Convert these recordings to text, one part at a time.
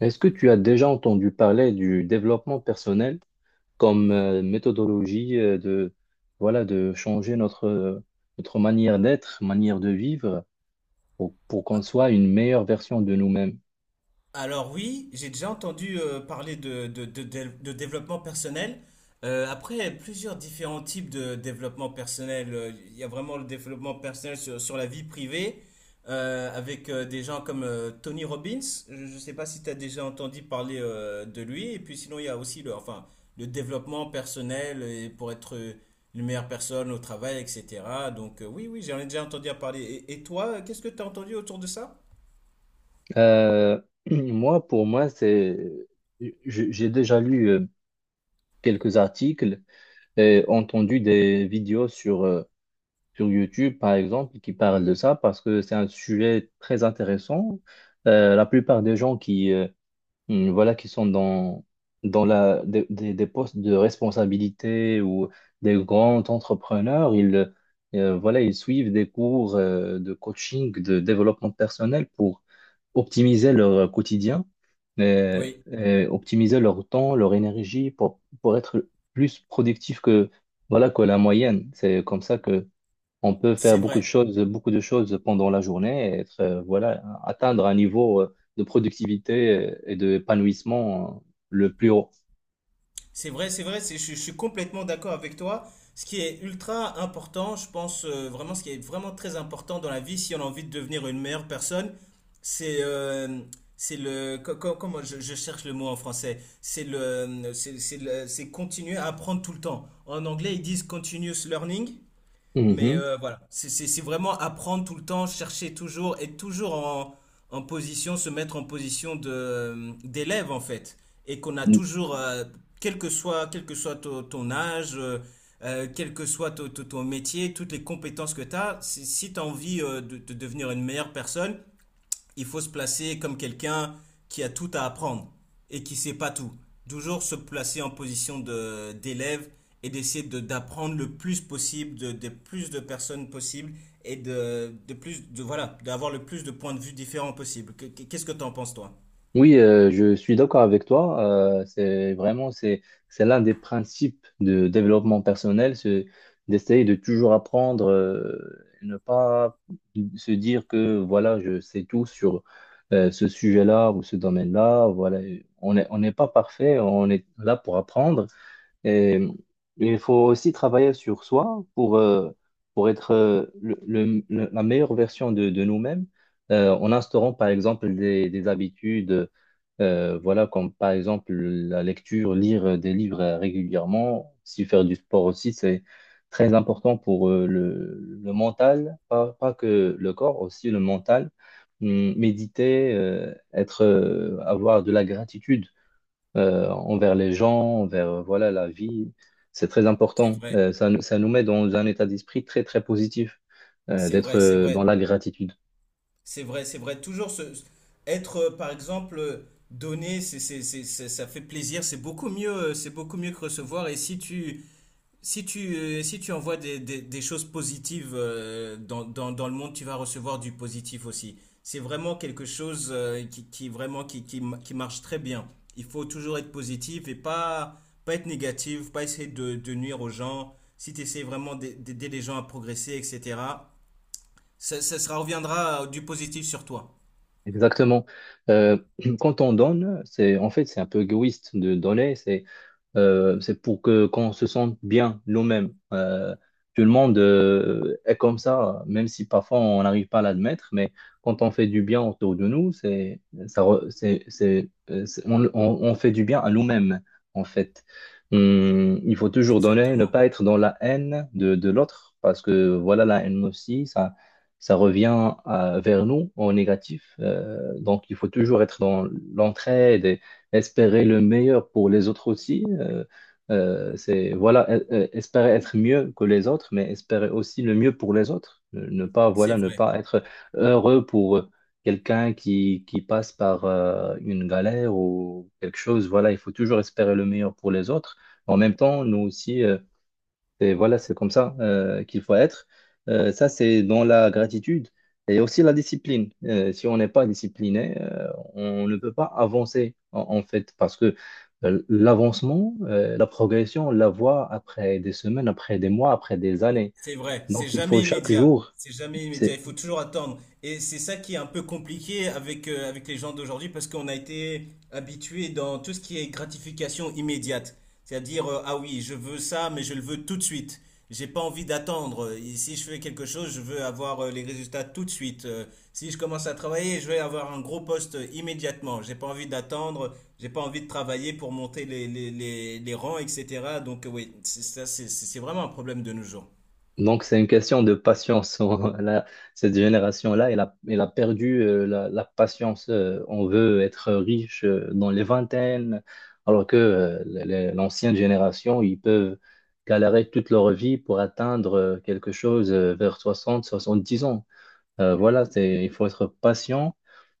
Est-ce que tu as déjà entendu parler du développement personnel comme méthodologie de, voilà, de changer notre, notre manière d'être, manière de vivre pour qu'on soit une meilleure version de nous-mêmes? Alors oui, j'ai déjà entendu parler de développement personnel. Après, plusieurs différents types de développement personnel. Il y a vraiment le développement personnel sur la vie privée, avec des gens comme Tony Robbins. Je ne sais pas si tu as déjà entendu parler de lui. Et puis sinon, il y a aussi le développement personnel et pour être une meilleure personne au travail, etc. Donc oui, oui, j'en ai déjà entendu parler. Et toi, qu'est-ce que tu as entendu autour de ça? Euh, Moi, pour moi, j'ai déjà lu quelques articles et entendu des vidéos sur, sur YouTube, par exemple, qui parlent de ça parce que c'est un sujet très intéressant. La plupart des gens qui, voilà, qui sont dans, des postes de responsabilité ou des grands entrepreneurs, voilà, ils suivent des cours de coaching, de développement personnel pour optimiser leur quotidien, euh, Oui, et optimiser leur temps, leur énergie pour être plus productif voilà, que la moyenne. C'est comme ça on peut faire c'est vrai. Beaucoup de choses pendant la journée et voilà, atteindre un niveau de productivité et d'épanouissement le plus haut. C'est vrai, c'est vrai, je suis complètement d'accord avec toi. Ce qui est ultra important, je pense vraiment, ce qui est vraiment très important dans la vie, si on a envie de devenir une meilleure personne, c'est comment je cherche le mot en français, c'est continuer à apprendre tout le temps. En anglais, ils disent continuous learning. Mais Mhm. Voilà, c'est vraiment apprendre tout le temps, chercher toujours, être toujours en position, se mettre en position de d'élève en fait. Et qu'on a Mm. toujours, quel que soit ton âge, quel que soit ton métier, toutes les compétences que tu as, si, tu as envie de devenir une meilleure personne, il faut se placer comme quelqu'un qui a tout à apprendre et qui ne sait pas tout. Toujours se placer en position d'élève et d'essayer d'apprendre le plus possible de plus de personnes possibles et de plus de voilà d'avoir le plus de points de vue différents possible. Qu'est-ce que tu en penses toi? Oui, je suis d'accord avec toi. C'est vraiment, c'est l'un des principes de développement personnel, c'est d'essayer de toujours apprendre, et ne pas se dire que voilà, je sais tout sur ce sujet-là ou ce domaine-là. Voilà, on n'est pas parfait, on est là pour apprendre. Et il faut aussi travailler sur soi pour être la meilleure version de nous-mêmes, en instaurant par exemple des habitudes, voilà, comme par exemple la lecture, lire des livres régulièrement, si faire du sport aussi, c'est très important pour le mental, pas que le corps, aussi le mental. Méditer, être, avoir de la gratitude envers les gens, envers voilà, la vie. C'est très C'est important. vrai, Ça nous met dans un état d'esprit très, très positif c'est d'être vrai, c'est dans vrai, la gratitude. c'est vrai, c'est vrai. Être, par exemple, donné, ça fait plaisir, c'est beaucoup mieux que recevoir. Si tu, si tu envoies des choses positives dans le monde, tu vas recevoir du positif aussi. C'est vraiment quelque chose qui, vraiment, qui marche très bien. Il faut toujours être positif et pas être négatif, pas essayer de nuire aux gens. Si tu essaies vraiment d'aider les gens à progresser, etc., ça reviendra du positif sur toi. Exactement. Euh, Quand on donne, c'est en fait, c'est un peu égoïste de donner. C'est pour que qu'on se sente bien nous-mêmes. Tout le monde est comme ça, même si parfois on n'arrive pas à l'admettre, mais quand on fait du bien autour de nous, c'est, on fait du bien à nous-mêmes, en fait. Il faut toujours donner, ne Exactement. pas être dans la haine de, l'autre, parce que voilà, la haine aussi, ça revient vers nous en négatif. Donc, il faut toujours être dans l'entraide, espérer le meilleur pour les autres aussi. Voilà, espérer être mieux que les autres, mais espérer aussi le mieux pour les autres. Ne pas, C'est voilà, ne vrai. pas être heureux pour quelqu'un qui passe par une galère ou quelque chose. Voilà, il faut toujours espérer le meilleur pour les autres. En même temps, nous aussi, et voilà, c'est comme ça qu'il faut être. Ça, c'est dans la gratitude et aussi la discipline. Si on n'est pas discipliné, on ne peut pas avancer, en fait, parce que l'avancement, la progression, on la voit après des semaines, après des mois, après des années. C'est vrai, c'est Donc, il faut jamais chaque immédiat. jour. C'est jamais immédiat, C'est il faut toujours attendre. Et c'est ça qui est un peu compliqué avec, avec les gens d'aujourd'hui parce qu'on a été habitué dans tout ce qui est gratification immédiate. C'est-à-dire, ah oui, je veux ça, mais je le veux tout de suite. J'ai pas envie d'attendre. Et si je fais quelque chose, je veux avoir les résultats tout de suite. Si je commence à travailler, je veux avoir un gros poste immédiatement. J'ai pas envie d'attendre, j'ai pas envie de travailler pour monter les rangs, etc. Donc, oui, c'est ça, c'est vraiment un problème de nos jours. Donc, c'est une question de patience. Cette génération-là, elle a perdu la patience. On veut être riche dans les vingtaines, alors que l'ancienne génération, ils peuvent galérer toute leur vie pour atteindre quelque chose vers 60, 70 ans. Voilà, il faut être patient,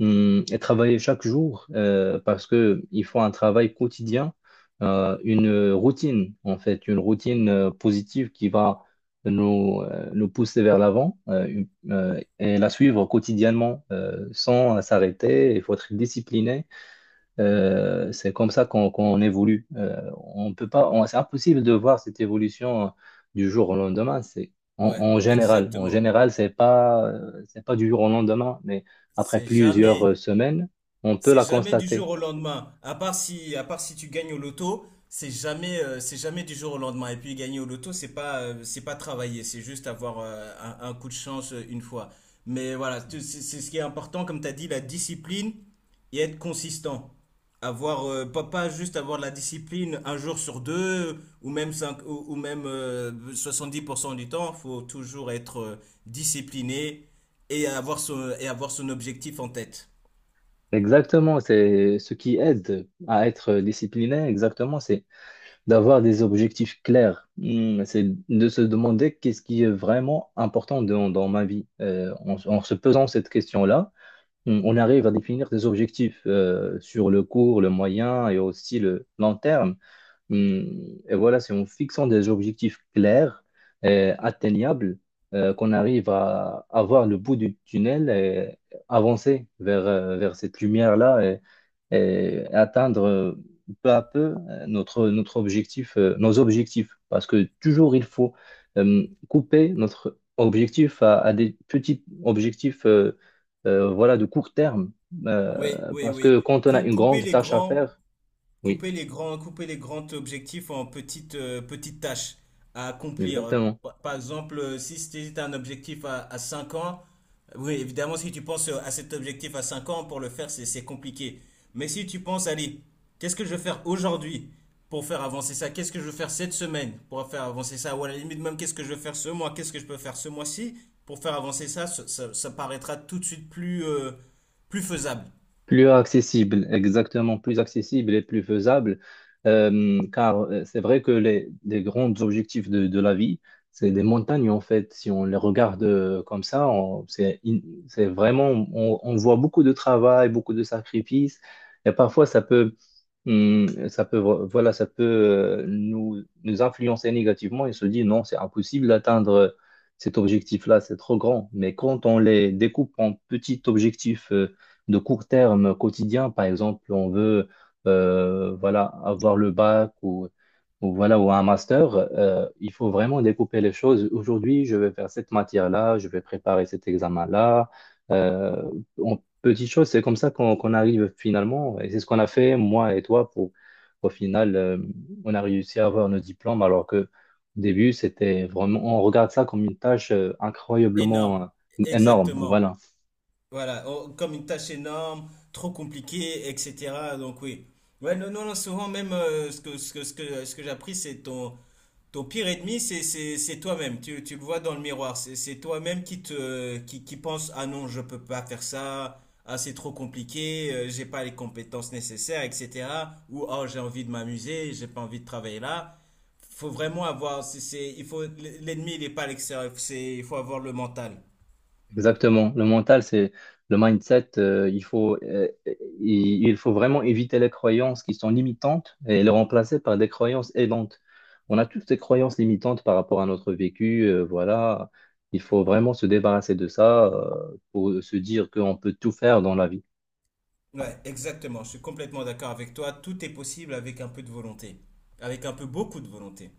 et travailler chaque jour parce que il faut un travail quotidien, une routine en fait, une routine positive qui va nous pousser vers l'avant, et la suivre quotidiennement sans s'arrêter. Il faut être discipliné, c'est comme ça qu'on évolue. On peut pas, c'est impossible de voir cette évolution du jour au lendemain. C'est en, Ouais, en général, en exactement. général, c'est pas du jour au lendemain, mais après C'est plusieurs jamais, semaines, on peut C'est la jamais du jour constater. au lendemain. À part si tu gagnes au loto, c'est jamais du jour au lendemain. Et puis gagner au loto, c'est pas travailler, c'est juste avoir un coup de chance une fois. Mais voilà, c'est ce qui est important, comme tu as dit, la discipline et être consistant. Avoir, pas juste avoir de la discipline un jour sur deux ou même, cinq, ou même 70% du temps. Faut toujours être discipliné et avoir et avoir son objectif en tête. Exactement, c'est ce qui aide à être discipliné. Exactement, c'est d'avoir des objectifs clairs. C'est de se demander qu'est-ce qui est vraiment important dans, ma vie. En se posant cette question-là. On arrive à définir des objectifs sur le court, le moyen et aussi le long terme. Mm, Et voilà, c'est en fixant des objectifs clairs et atteignables qu'on arrive à avoir le bout du tunnel et avancer vers cette lumière-là et atteindre peu à peu notre objectif, nos objectifs. Parce que toujours, il faut couper notre objectif à des petits objectifs, voilà, de court terme. Oui, oui, Parce que oui. quand on a Cou- une Couper grande les tâche à grands, faire, oui, couper les grands objectifs en petites, petites tâches à accomplir. exactement. Par exemple, si c'était un objectif à 5 ans, oui, évidemment, si tu penses à cet objectif à 5 ans, pour le faire, c'est compliqué. Mais si tu penses, allez, qu'est-ce que je vais faire aujourd'hui pour faire avancer ça? Qu'est-ce que je vais faire cette semaine pour faire avancer ça? Ou à la limite même, qu'est-ce que je vais faire ce mois? Qu'est-ce que je peux faire ce mois-ci pour faire avancer ça? Ça paraîtra tout de suite plus, plus faisable. Plus accessible, exactement, plus accessible et plus faisable, car c'est vrai que les grands objectifs de la vie, c'est des montagnes en fait. Si on les regarde comme ça, c'est vraiment, on voit beaucoup de travail, beaucoup de sacrifices, et parfois ça peut, voilà, nous influencer négativement et se dire non, c'est impossible d'atteindre cet objectif-là, c'est trop grand. Mais quand on les découpe en petits objectifs, de court terme quotidien. Par exemple, on veut voilà, avoir le bac ou voilà, ou un master. Il faut vraiment découper les choses. Aujourd'hui, je vais faire cette matière-là, je vais préparer cet examen-là. Euh, En petites choses, c'est comme ça qu'on arrive finalement. Et c'est ce qu'on a fait, moi et toi, pour au final, on a réussi à avoir nos diplômes alors que au début, c'était vraiment, on regarde ça comme une tâche incroyablement Énorme, énorme. exactement. Voilà. Voilà, oh, comme une tâche énorme, trop compliquée, etc. Donc oui. Ouais, non, non, non, souvent même ce que, ce que, ce que, ce que j'ai appris, c'est ton, ton pire ennemi, c'est toi-même. Tu le vois dans le miroir. C'est toi-même qui pense, ah non, je peux pas faire ça. Ah, c'est trop compliqué, j'ai pas les compétences nécessaires, etc. Ou, oh, j'ai envie de m'amuser, j'ai pas envie de travailler là. Faut vraiment avoir, c'est- il faut, l'ennemi, il est pas à l'extérieur, il faut avoir le mental. Exactement. Le mental, c'est le mindset. Il faut vraiment éviter les croyances qui sont limitantes et les remplacer par des croyances aidantes. On a tous des croyances limitantes par rapport à notre vécu. Voilà. Il faut vraiment se débarrasser de ça, pour se dire qu'on peut tout faire dans la vie. Ouais, exactement. Je suis complètement d'accord avec toi. Tout est possible avec un peu de volonté. Avec un peu beaucoup de volonté.